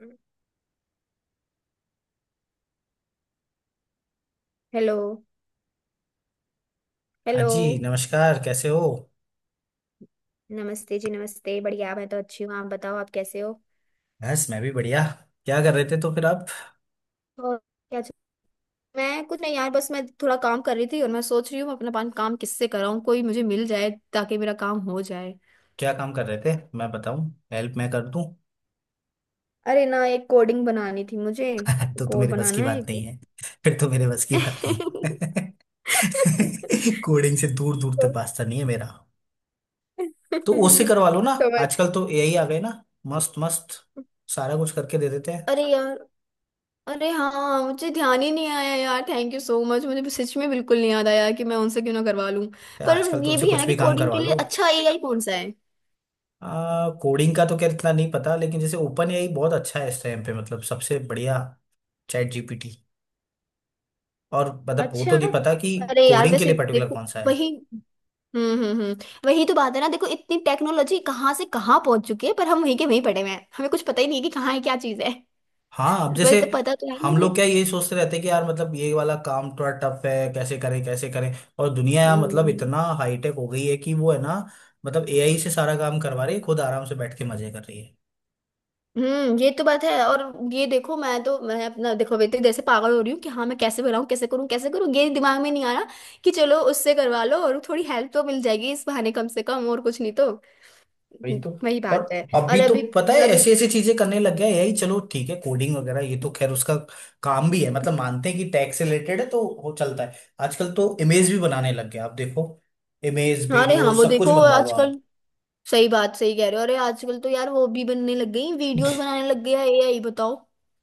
Hello. हाँ hello. जी नमस्कार, कैसे हो। नमस्ते जी, नमस्ते। बढ़िया, मैं तो अच्छी हूँ, आप बताओ, आप कैसे हो। बस मैं भी बढ़िया। क्या कर रहे थे तो फिर आप। और क्या मैं कुछ नहीं यार, बस मैं थोड़ा काम कर रही थी और मैं सोच रही हूँ मैं अपना काम किससे कराऊँ, कोई मुझे मिल जाए ताकि मेरा काम हो जाए। क्या काम कर रहे थे, मैं बताऊं। हेल्प मैं कर दूं। अरे ना, एक कोडिंग बनानी थी मुझे। तो कोड मेरे बस की बनाना है बात नहीं एक। है। फिर तो मेरे बस की बात नहीं है। कोडिंग से दूर दूर तो तक वास्ता नहीं है मेरा। तो उससे करवा लो ना। तो मैं- आजकल तो एआई आ गए ना। मस्त मस्त। सारा कुछ करके दे देते हैं। अरे यार। अरे हाँ, मुझे ध्यान ही नहीं आया यार, थैंक यू सो मच, मुझे सच में बिल्कुल नहीं याद आया कि मैं उनसे क्यों ना करवा लूं। पर आजकल ये तुमसे भी है ना कुछ कि भी काम कोडिंग के करवा लिए लो। अच्छा AI कौन सा है। कोडिंग का तो क्या, इतना नहीं पता, लेकिन जैसे ओपन एआई बहुत अच्छा है इस टाइम पे, मतलब सबसे बढ़िया। ChatGPT. और मतलब वो तो अच्छा। नहीं पता कि अरे यार, कोडिंग के वैसे लिए पर्टिकुलर देखो कौन सा है। वही। हम्म, हम्म, हम्म। वही तो बात है ना, देखो इतनी टेक्नोलॉजी कहाँ से कहाँ पहुंच चुकी है पर हम वहीं के वहीं पड़े हुए हैं, हमें कुछ पता ही नहीं है कि कहाँ है क्या चीज है। हाँ, अब वही जैसे तो, पता तो है हम मुझे। लोग क्या यही सोचते रहते हैं कि यार मतलब ये वाला काम थोड़ा टफ है, कैसे करें कैसे करें। और दुनिया यार मतलब हम्म, इतना हाईटेक हो गई है कि वो है ना, मतलब एआई से सारा काम करवा रही है, खुद आराम से बैठ के मजे कर रही है। हम्म, ये तो बात है। और ये देखो, मैं अपना देखो, बेटे जैसे पागल हो रही हूँ कि हाँ मैं कैसे बनाऊँ, कैसे करूँ कैसे करूँ, ये दिमाग में नहीं आ रहा। कि चलो उससे करवा लो और थोड़ी हेल्प तो मिल जाएगी इस बहाने, कम से कम और कुछ नहीं तो। वही तो। वही और बात है। और अभी तो अभी। पता है अभी। ऐसी ऐसी चीजें करने लग गया है एआई। चलो ठीक है, कोडिंग वगैरह ये तो खैर उसका काम भी है, मतलब मानते हैं कि टैक्स से रिलेटेड है तो वो चलता है। आजकल तो इमेज भी बनाने लग गया, आप देखो। इमेज, हाँ, अरे वीडियो, हाँ वो सब कुछ देखो बनवा लो आजकल। आप। सही बात, सही कह रहे हो, अरे आजकल तो यार वो भी बनने लग गई, वीडियोस बनाने लग गया है एआई, बताओ।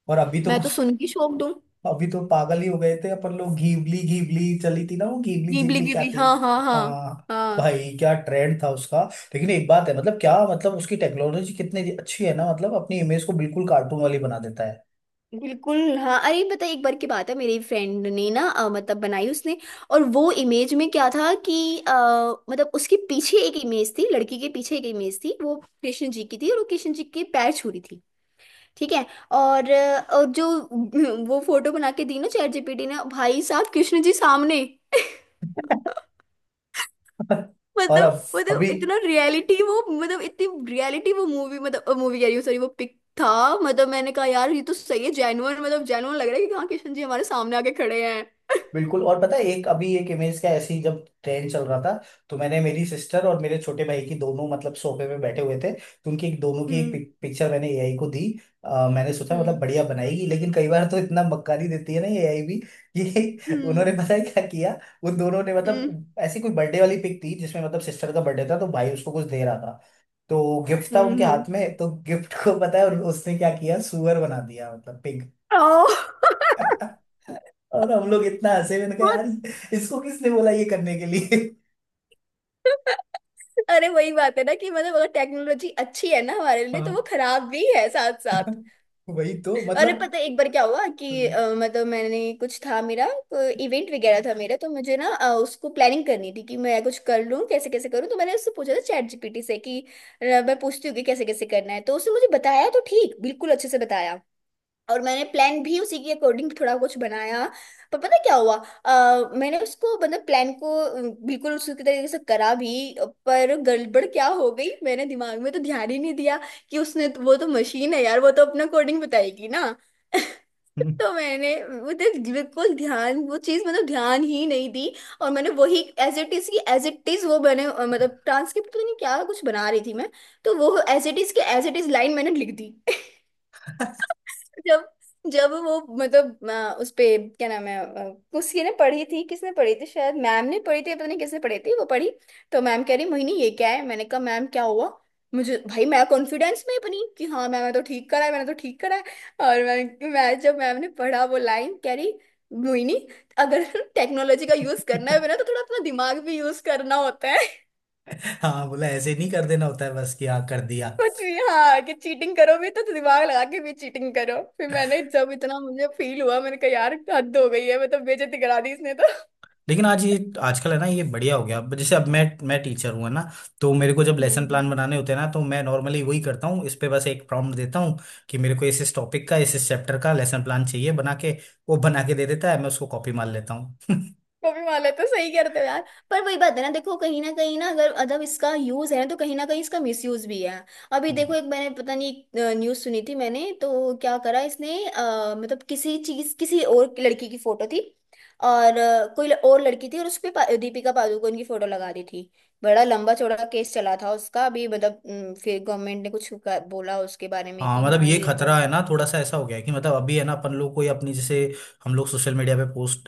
और अभी तो मैं तो कुछ सुन के शौक दूँ। अभी तो पागल ही हो गए थे अपन लोग। घीवली घीवली चली थी ना, वो घीवली गिबली जीवली क्या गिबली, थी। हाँ हाँ हाँ। हाँ। हाँ। भाई क्या ट्रेंड था उसका। लेकिन एक बात है, मतलब क्या मतलब उसकी टेक्नोलॉजी कितनी अच्छी है ना, मतलब अपनी इमेज को बिल्कुल कार्टून वाली बना देता है। बिल्कुल, हाँ अरे पता है एक बार की बात है, मेरी फ्रेंड ने ना मतलब बनाई उसने। और वो इमेज में क्या था कि अ, मतलब उसके पीछे एक इमेज थी, लड़की के पीछे एक इमेज थी, वो कृष्ण जी की थी और वो कृष्ण जी के पैर छू रही थी। ठीक है। और, और जो वो फोटो बना के दी ना ChatGPT ने, भाई साहब कृष्ण जी सामने। और मतलब अब मतलब अभी इतना रियलिटी वो, मतलब इतनी रियलिटी वो मूवी, मतलब मूवी कह रही हूँ सॉरी वो पिक था। मतलब मैंने कहा यार ये तो सही है, जेन्युइन, मतलब जेन्युइन लग रहा है कि हाँ कृष्ण जी हमारे सामने आके खड़े हैं। बिल्कुल। और पता है, एक अभी एक इमेज का ऐसे ही जब ट्रेंड चल रहा था, तो मैंने मेरी सिस्टर और मेरे छोटे भाई की दोनों, मतलब सोफे पे बैठे हुए थे तो उनकी एक, दोनों की एक Mm, पिक्चर मैंने एआई को दी। मैंने सोचा मतलब mm, बढ़िया बनाएगी, लेकिन कई बार तो इतना मक्कारी देती है ना ये एआई भी कि उन्होंने mm, पता है क्या किया। उन दोनों ने, mm, मतलब ऐसी कोई बर्थडे वाली पिक थी जिसमें मतलब सिस्टर का बर्थडे था, तो भाई उसको कुछ दे रहा था, तो गिफ्ट था उनके mm। हाथ में। तो गिफ्ट को पता है उसने क्या किया, सुअर बना दिया, मतलब पिग। ओह। और हम लोग इतना हंसे, मैंने कहा यार, इसको किसने बोला ये करने के लिए। अरे वही बात है ना कि मतलब, अगर टेक्नोलॉजी अच्छी है ना हमारे लिए, तो हाँ। वो खराब भी है साथ साथ। वही तो अरे मतलब। पता है एक बार क्या हुआ कि मतलब मैंने कुछ था मेरा इवेंट वगैरह था मेरा, तो मुझे ना उसको प्लानिंग करनी थी कि मैं कुछ कर लूँ कैसे कैसे करूँ, तो मैंने उससे पूछा था चैट जीपीटी से कि मैं पूछती हूँ कि कैसे कैसे करना है, तो उसने मुझे बताया, तो ठीक, बिल्कुल अच्छे से बताया। और मैंने प्लान भी उसी के अकॉर्डिंग थोड़ा कुछ बनाया। पर पता क्या हुआ, मैंने उसको मतलब प्लान को बिल्कुल उसी के तरीके से करा भी। पर गड़बड़ क्या हो गई, मैंने दिमाग में तो ध्यान ही नहीं दिया कि उसने तो, वो तो मशीन है यार, वो तो अपना कोडिंग बताएगी ना। तो मैंने मतलब बिल्कुल ध्यान वो चीज मतलब ध्यान ही नहीं दी। और मैंने वही एज इट इज की एज इट इज वो मैंने मतलब ट्रांसक्रिप्ट तो नहीं क्या कुछ बना रही थी मैं। तो वो एज इट इज के एज इट इज लाइन मैंने लिख दी। जब जब वो मतलब उस पे क्या नाम है किसी ने पढ़ी थी, किसने पढ़ी थी, शायद मैम ने पढ़ी थी, पता नहीं किसने पढ़ी थी, वो पढ़ी। तो मैम कह रही, मोहिनी ये क्या है, मैंने कहा मैम क्या हुआ। मुझे भाई, मैं कॉन्फिडेंस में बनी कि हाँ मैम, मैं तो ठीक करा है, मैंने तो ठीक करा है। और मैं जब मैम ने पढ़ा वो लाइन, कह रही, मोहिनी, अगर टेक्नोलॉजी का यूज करना है ना तो थोड़ा अपना दिमाग भी यूज करना होता है। हाँ, बोला ऐसे नहीं कर देना होता है बस कि हाँ कर दिया। कुछ भी, हाँ कि चीटिंग करो भी तो दिमाग लगा के भी चीटिंग करो, फिर मैंने जब इतना मुझे फील हुआ, मैंने कहा यार हद हो गई है, मैं तो बेइज्जती करा दी इसने तो। लेकिन आज ये आजकल है ना ये बढ़िया हो गया। अब जैसे, अब मैं टीचर हूँ है ना, तो मेरे को जब लेसन हम्म। प्लान बनाने होते हैं ना, तो मैं नॉर्मली वही करता हूँ, इस पे बस एक प्रॉम्प्ट देता हूँ कि मेरे को इस टॉपिक का इस चैप्टर का लेसन प्लान चाहिए बना के। वो बना के दे देता है, मैं उसको कॉपी मार लेता कॉपी मार लेते हो, सही करते हो यार। पर वही बात है ना देखो, कहीं ना अगर अदब इसका यूज है ना तो कहीं ना कहीं इसका मिसयूज भी है। अभी देखो हूँ। एक, मैंने पता नहीं न्यूज सुनी थी, मैंने तो क्या करा इसने, मतलब किसी चीज, किसी और की लड़की की फोटो थी। और कोई और लड़की थी और उस पे दीपिका पादुकोण की फोटो लगा दी थी। बड़ा लंबा चौड़ा केस चला था उसका अभी, मतलब फिर गवर्नमेंट ने कुछ बोला उसके बारे में हाँ, कि मतलब हाँ ये ये खतरा बंद। है ना, थोड़ा सा ऐसा हो गया है कि मतलब अभी है ना, अपन लोग कोई अपनी जैसे, हम लोग सोशल मीडिया पे पोस्ट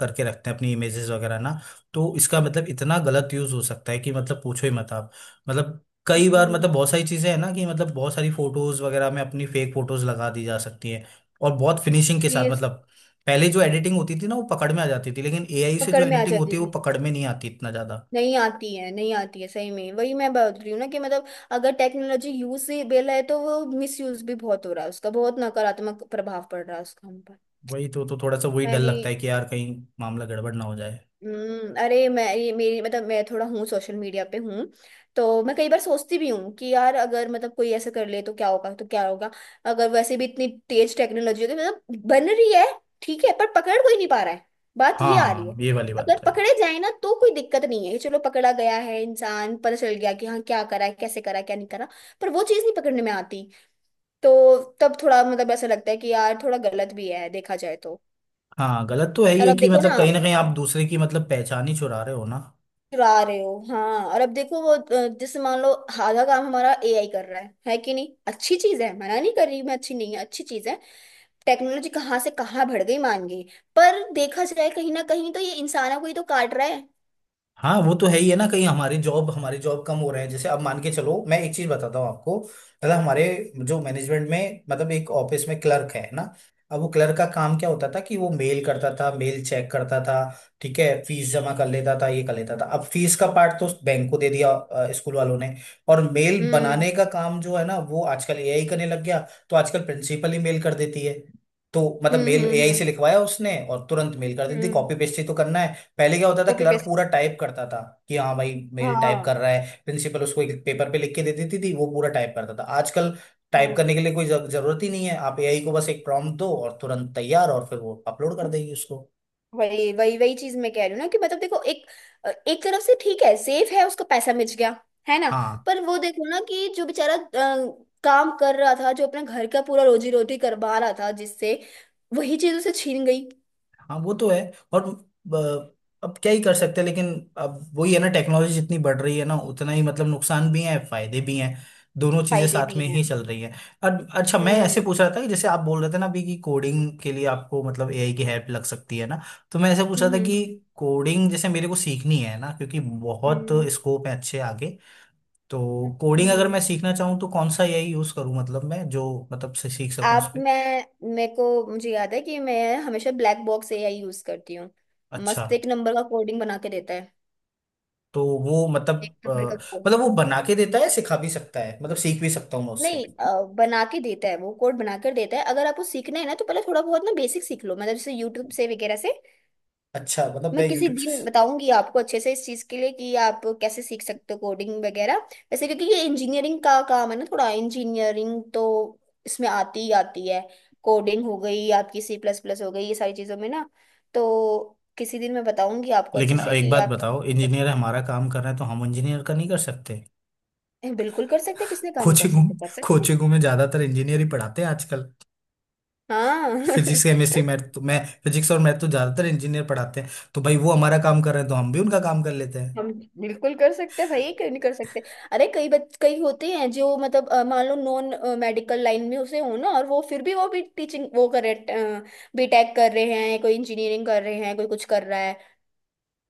करके रखते हैं अपनी इमेजेस वगैरह ना, तो इसका मतलब इतना गलत यूज हो सकता है कि मतलब पूछो ही मत आप। मतलब कई बार, सीरियस। मतलब बहुत सारी चीजें हैं ना कि मतलब बहुत सारी फोटोज वगैरह में अपनी फेक फोटोज लगा दी जा सकती हैं, और बहुत फिनिशिंग के साथ, मतलब पहले जो एडिटिंग होती थी ना वो पकड़ में आ जाती थी, लेकिन एआई से जो पकड़ में आ एडिटिंग होती जाती है वो थी। पकड़ में नहीं आती इतना ज्यादा। नहीं आती है, नहीं आती है, सही में वही मैं बोल रही हूँ ना कि मतलब, अगर टेक्नोलॉजी यूजेबल है तो वो मिसयूज भी बहुत हो रहा है उसका, बहुत नकारात्मक प्रभाव पड़ रहा है उसका हम पर। वही तो थोड़ा सा वही डर मैंने। लगता है कि यार कहीं मामला गड़बड़ ना हो जाए। हम्म, अरे मैं ये मेरी मतलब मैं थोड़ा हूँ सोशल मीडिया पे हूँ, तो मैं कई बार सोचती भी हूँ कि यार अगर मतलब कोई ऐसा कर ले तो क्या होगा, तो क्या होगा। अगर वैसे भी इतनी तेज टेक्नोलॉजी होगी, मतलब बन रही है। ठीक है पर पकड़ कोई नहीं पा रहा है, बात ये आ रही हाँ, है। ये वाली बात अगर तो है। पकड़े जाए ना तो कोई दिक्कत नहीं है कि चलो पकड़ा गया है इंसान, पता चल गया कि हाँ क्या करा है, कैसे करा है, क्या नहीं करा। पर वो चीज़ नहीं पकड़ने में आती। तो तब थोड़ा मतलब ऐसा लगता है कि यार थोड़ा गलत भी है देखा जाए तो। हाँ, गलत तो है ही और है अब कि देखो मतलब ना, कहीं ना कहीं आप दूसरे की मतलब पहचान ही चुरा रहे हो ना। चुरा रहे हो हाँ, और अब देखो वो जैसे मान लो आधा काम हमारा एआई कर रहा है कि नहीं, अच्छी चीज है, मना नहीं कर रही मैं, अच्छी नहीं है, अच्छी चीज है। टेक्नोलॉजी कहाँ से कहाँ बढ़ गई, मान गई। पर देखा जाए कहीं ना कहीं तो ये इंसानों को ही तो काट रहा है। हाँ वो तो है ही है ना, कहीं हमारी जॉब कम हो रहे हैं। जैसे अब मान के चलो, मैं एक चीज बताता हूँ आपको, मतलब हमारे जो मैनेजमेंट में, मतलब एक ऑफिस में क्लर्क है ना, अब वो क्लर्क का काम क्या होता था कि वो मेल करता था, मेल चेक करता था, ठीक है, फीस जमा कर लेता था, ये कर लेता था। अब फीस का पार्ट तो बैंक को दे दिया स्कूल वालों ने, और मेल हम्म, बनाने का काम जो है ना, वो आजकल एआई करने लग गया, तो आजकल प्रिंसिपल ही मेल कर देती है। तो मतलब हम्म, मेल एआई से हम्म, लिखवाया उसने, और तुरंत मेल कर देती, हम्म। कॉपी पेस्ट ही तो करना है। पहले क्या होता था, कॉपी क्लर्क पेस्ट। पूरा टाइप करता था कि हाँ भाई, मेल टाइप हाँ। कर रहा है, प्रिंसिपल उसको एक पेपर पे लिख के दे देती थी, वो पूरा टाइप करता था। आजकल टाइप हम्म। करने के लिए कोई जरूरत ही नहीं है, आप एआई को बस एक प्रॉम्प्ट दो और तुरंत तैयार, और फिर वो अपलोड कर देगी उसको। वही वही वही चीज मैं कह रही हूँ ना कि मतलब देखो, एक, एक तरफ से ठीक है, सेफ है, उसको पैसा मिल गया। है ना। हाँ, पर वो देखो ना कि जो बेचारा काम कर रहा था, जो अपने घर का पूरा रोजी रोटी करवा रहा था जिससे, वही चीज उसे छीन गई। हाँ, वो तो है। और ब- अब क्या ही कर सकते हैं, लेकिन अब वही है ना, टेक्नोलॉजी जितनी बढ़ रही है ना, उतना ही मतलब नुकसान भी है, फायदे भी हैं, दोनों चीजें फायदे साथ भी में हैं। ही चल रही है। और अच्छा, मैं ऐसे हम्म, पूछ रहा था कि जैसे आप बोल रहे थे ना अभी कि कोडिंग के लिए आपको मतलब एआई की हेल्प लग सकती है ना, तो मैं ऐसे पूछ रहा था हम्म, कि कोडिंग जैसे मेरे को सीखनी है ना, क्योंकि बहुत हम्म, स्कोप है अच्छे आगे, तो कोडिंग अगर मैं हम्म। सीखना चाहूँ तो कौन सा एआई यूज करूँ, मतलब मैं जो मतलब से सीख सकूँ उस आप पर। मैं मेरे को, मुझे याद है कि मैं हमेशा ब्लैक बॉक्स एआई यूज करती हूँ। अच्छा। मस्त, एक नंबर का कोडिंग बना के देता है। तो वो मतलब, एक अ, नंबर का। मतलब वो बना के देता है, सिखा भी सकता है, मतलब सीख भी सकता हूँ मैं उससे। नहीं, बना के देता है वो, कोड बनाकर देता है, अगर आपको सीखना है ना तो पहले थोड़ा बहुत ना बेसिक सीख लो, मतलब जैसे यूट्यूब से वगैरह से। अच्छा, मतलब मैं मैं किसी यूट्यूब से। दिन बताऊंगी आपको अच्छे से इस चीज के लिए कि आप कैसे सीख सकते हो कोडिंग वगैरह। वैसे क्योंकि ये इंजीनियरिंग का काम है ना, थोड़ा इंजीनियरिंग तो इसमें आती ही आती है। कोडिंग हो गई, आपकी सी प्लस प्लस हो गई, ये सारी चीजों में ना, तो किसी दिन मैं बताऊंगी आपको अच्छे लेकिन से एक कि बात आप। बताओ, इंजीनियर हमारा काम कर रहे हैं तो हम इंजीनियर का नहीं कर सकते। बिल्कुल कर सकते हैं, किसने कहा नहीं कर कोचिंगों सकते, कर सकते हैं। कोचिंगों में ज्यादातर इंजीनियर ही पढ़ाते हैं आजकल। हाँ फिजिक्स, केमिस्ट्री, मैथ तो मैं, फिजिक्स और मैथ तो ज्यादातर इंजीनियर पढ़ाते हैं, तो भाई वो हमारा काम कर रहे हैं तो हम भी उनका काम कर लेते हैं। हम। बिल्कुल कर सकते हैं भाई, क्यों नहीं कर सकते। अरे कई होते हैं जो मतलब मान लो नॉन मेडिकल लाइन में उसे हो ना, और वो फिर भी वो भी टीचिंग वो कर रहे, B.Tech कर रहे हैं कोई, इंजीनियरिंग कर रहे हैं कोई, कुछ कर रहा है।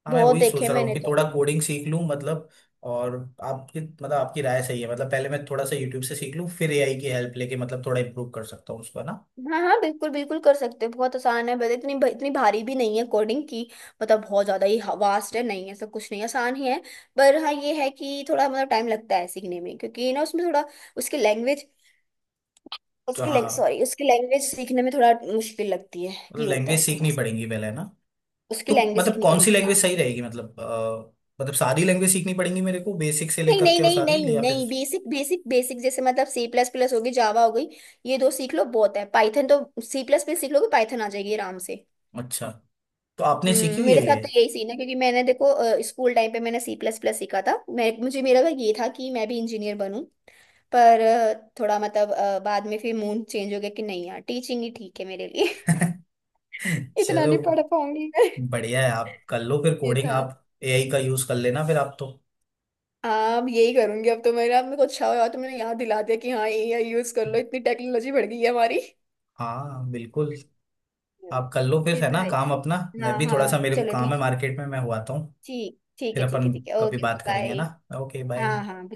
हाँ, मैं बहुत वही सोच देखे रहा हूँ मैंने कि तो। थोड़ा कोडिंग सीख लूँ, मतलब। और आपकी मतलब आपकी राय सही है, मतलब पहले मैं थोड़ा सा यूट्यूब से सीख लूँ, फिर एआई की हेल्प लेके मतलब थोड़ा इम्प्रूव कर सकता हूँ उसको ना। हाँ हाँ, बिल्कुल बिल्कुल कर सकते हैं, बहुत आसान है, बस इतनी इतनी भारी भी नहीं है कोडिंग की। मतलब बहुत ज्यादा ही वास्ट है नहीं, है सब कुछ नहीं, आसान ही है। पर हाँ ये है कि थोड़ा मतलब टाइम लगता है सीखने में, क्योंकि ना उसमें थोड़ा उसकी लैंग्वेज, तो उसकी लैंग हाँ, सॉरी उसकी लैंग्वेज सीखने में थोड़ा मुश्किल लगती है। मतलब ये होता लैंग्वेज है थोड़ा सीखनी सा, पड़ेगी पहले ना। उसकी तो लैंग्वेज मतलब सीखनी कौन सी पड़ेगी हाँ। लैंग्वेज सही रहेगी, मतलब मतलब सारी लैंग्वेज सीखनी पड़ेगी मेरे को बेसिक से नहीं लेकर नहीं के, और नहीं सारी ले नहीं या फिर। नहीं, बेसिक बेसिक बेसिक जैसे मतलब सी प्लस प्लस होगी, जावा हो गई। ये दो सीख लो बहुत है, पाइथन तो, सी प्लस प्लस सीख लोगे पाइथन आ जाएगी आराम से। अच्छा, तो आपने सीखी हम्म, हुई मेरे है साथ ये। तो यही सीन है, क्योंकि मैंने देखो स्कूल टाइम पे मैंने सी प्लस प्लस सीखा था, मैं मुझे मेरा भाई ये था कि मैं भी इंजीनियर बनूं। पर थोड़ा मतलब बाद में फिर मूड चेंज हो गया कि नहीं यार टीचिंग ही ठीक है मेरे लिए। इतना नहीं चलो, पढ़ पाऊंगी मैं। बढ़िया है। आप कर लो फिर ये कोडिंग, था। आप एआई का यूज कर लेना फिर आप तो। हाँ अब यही करूंगी, अब तो मेरा मेरे को अच्छा हुआ तुमने याद दिला दिया कि हाँ एआई यूज कर लो, इतनी टेक्नोलॉजी बढ़ गई है हमारी। हाँ बिल्कुल, आप कर लो फिर ये है तो ना है काम ही। अपना, मैं हाँ भी थोड़ा हाँ सा मेरे को चलो काम है ठीक, मार्केट में, मैं हुआता हूँ। ठीक ठीक फिर है, ठीक है, अपन ठीक है, कभी ओके ओके बात करेंगे बाय। ना। ओके, हाँ बाय। हाँ।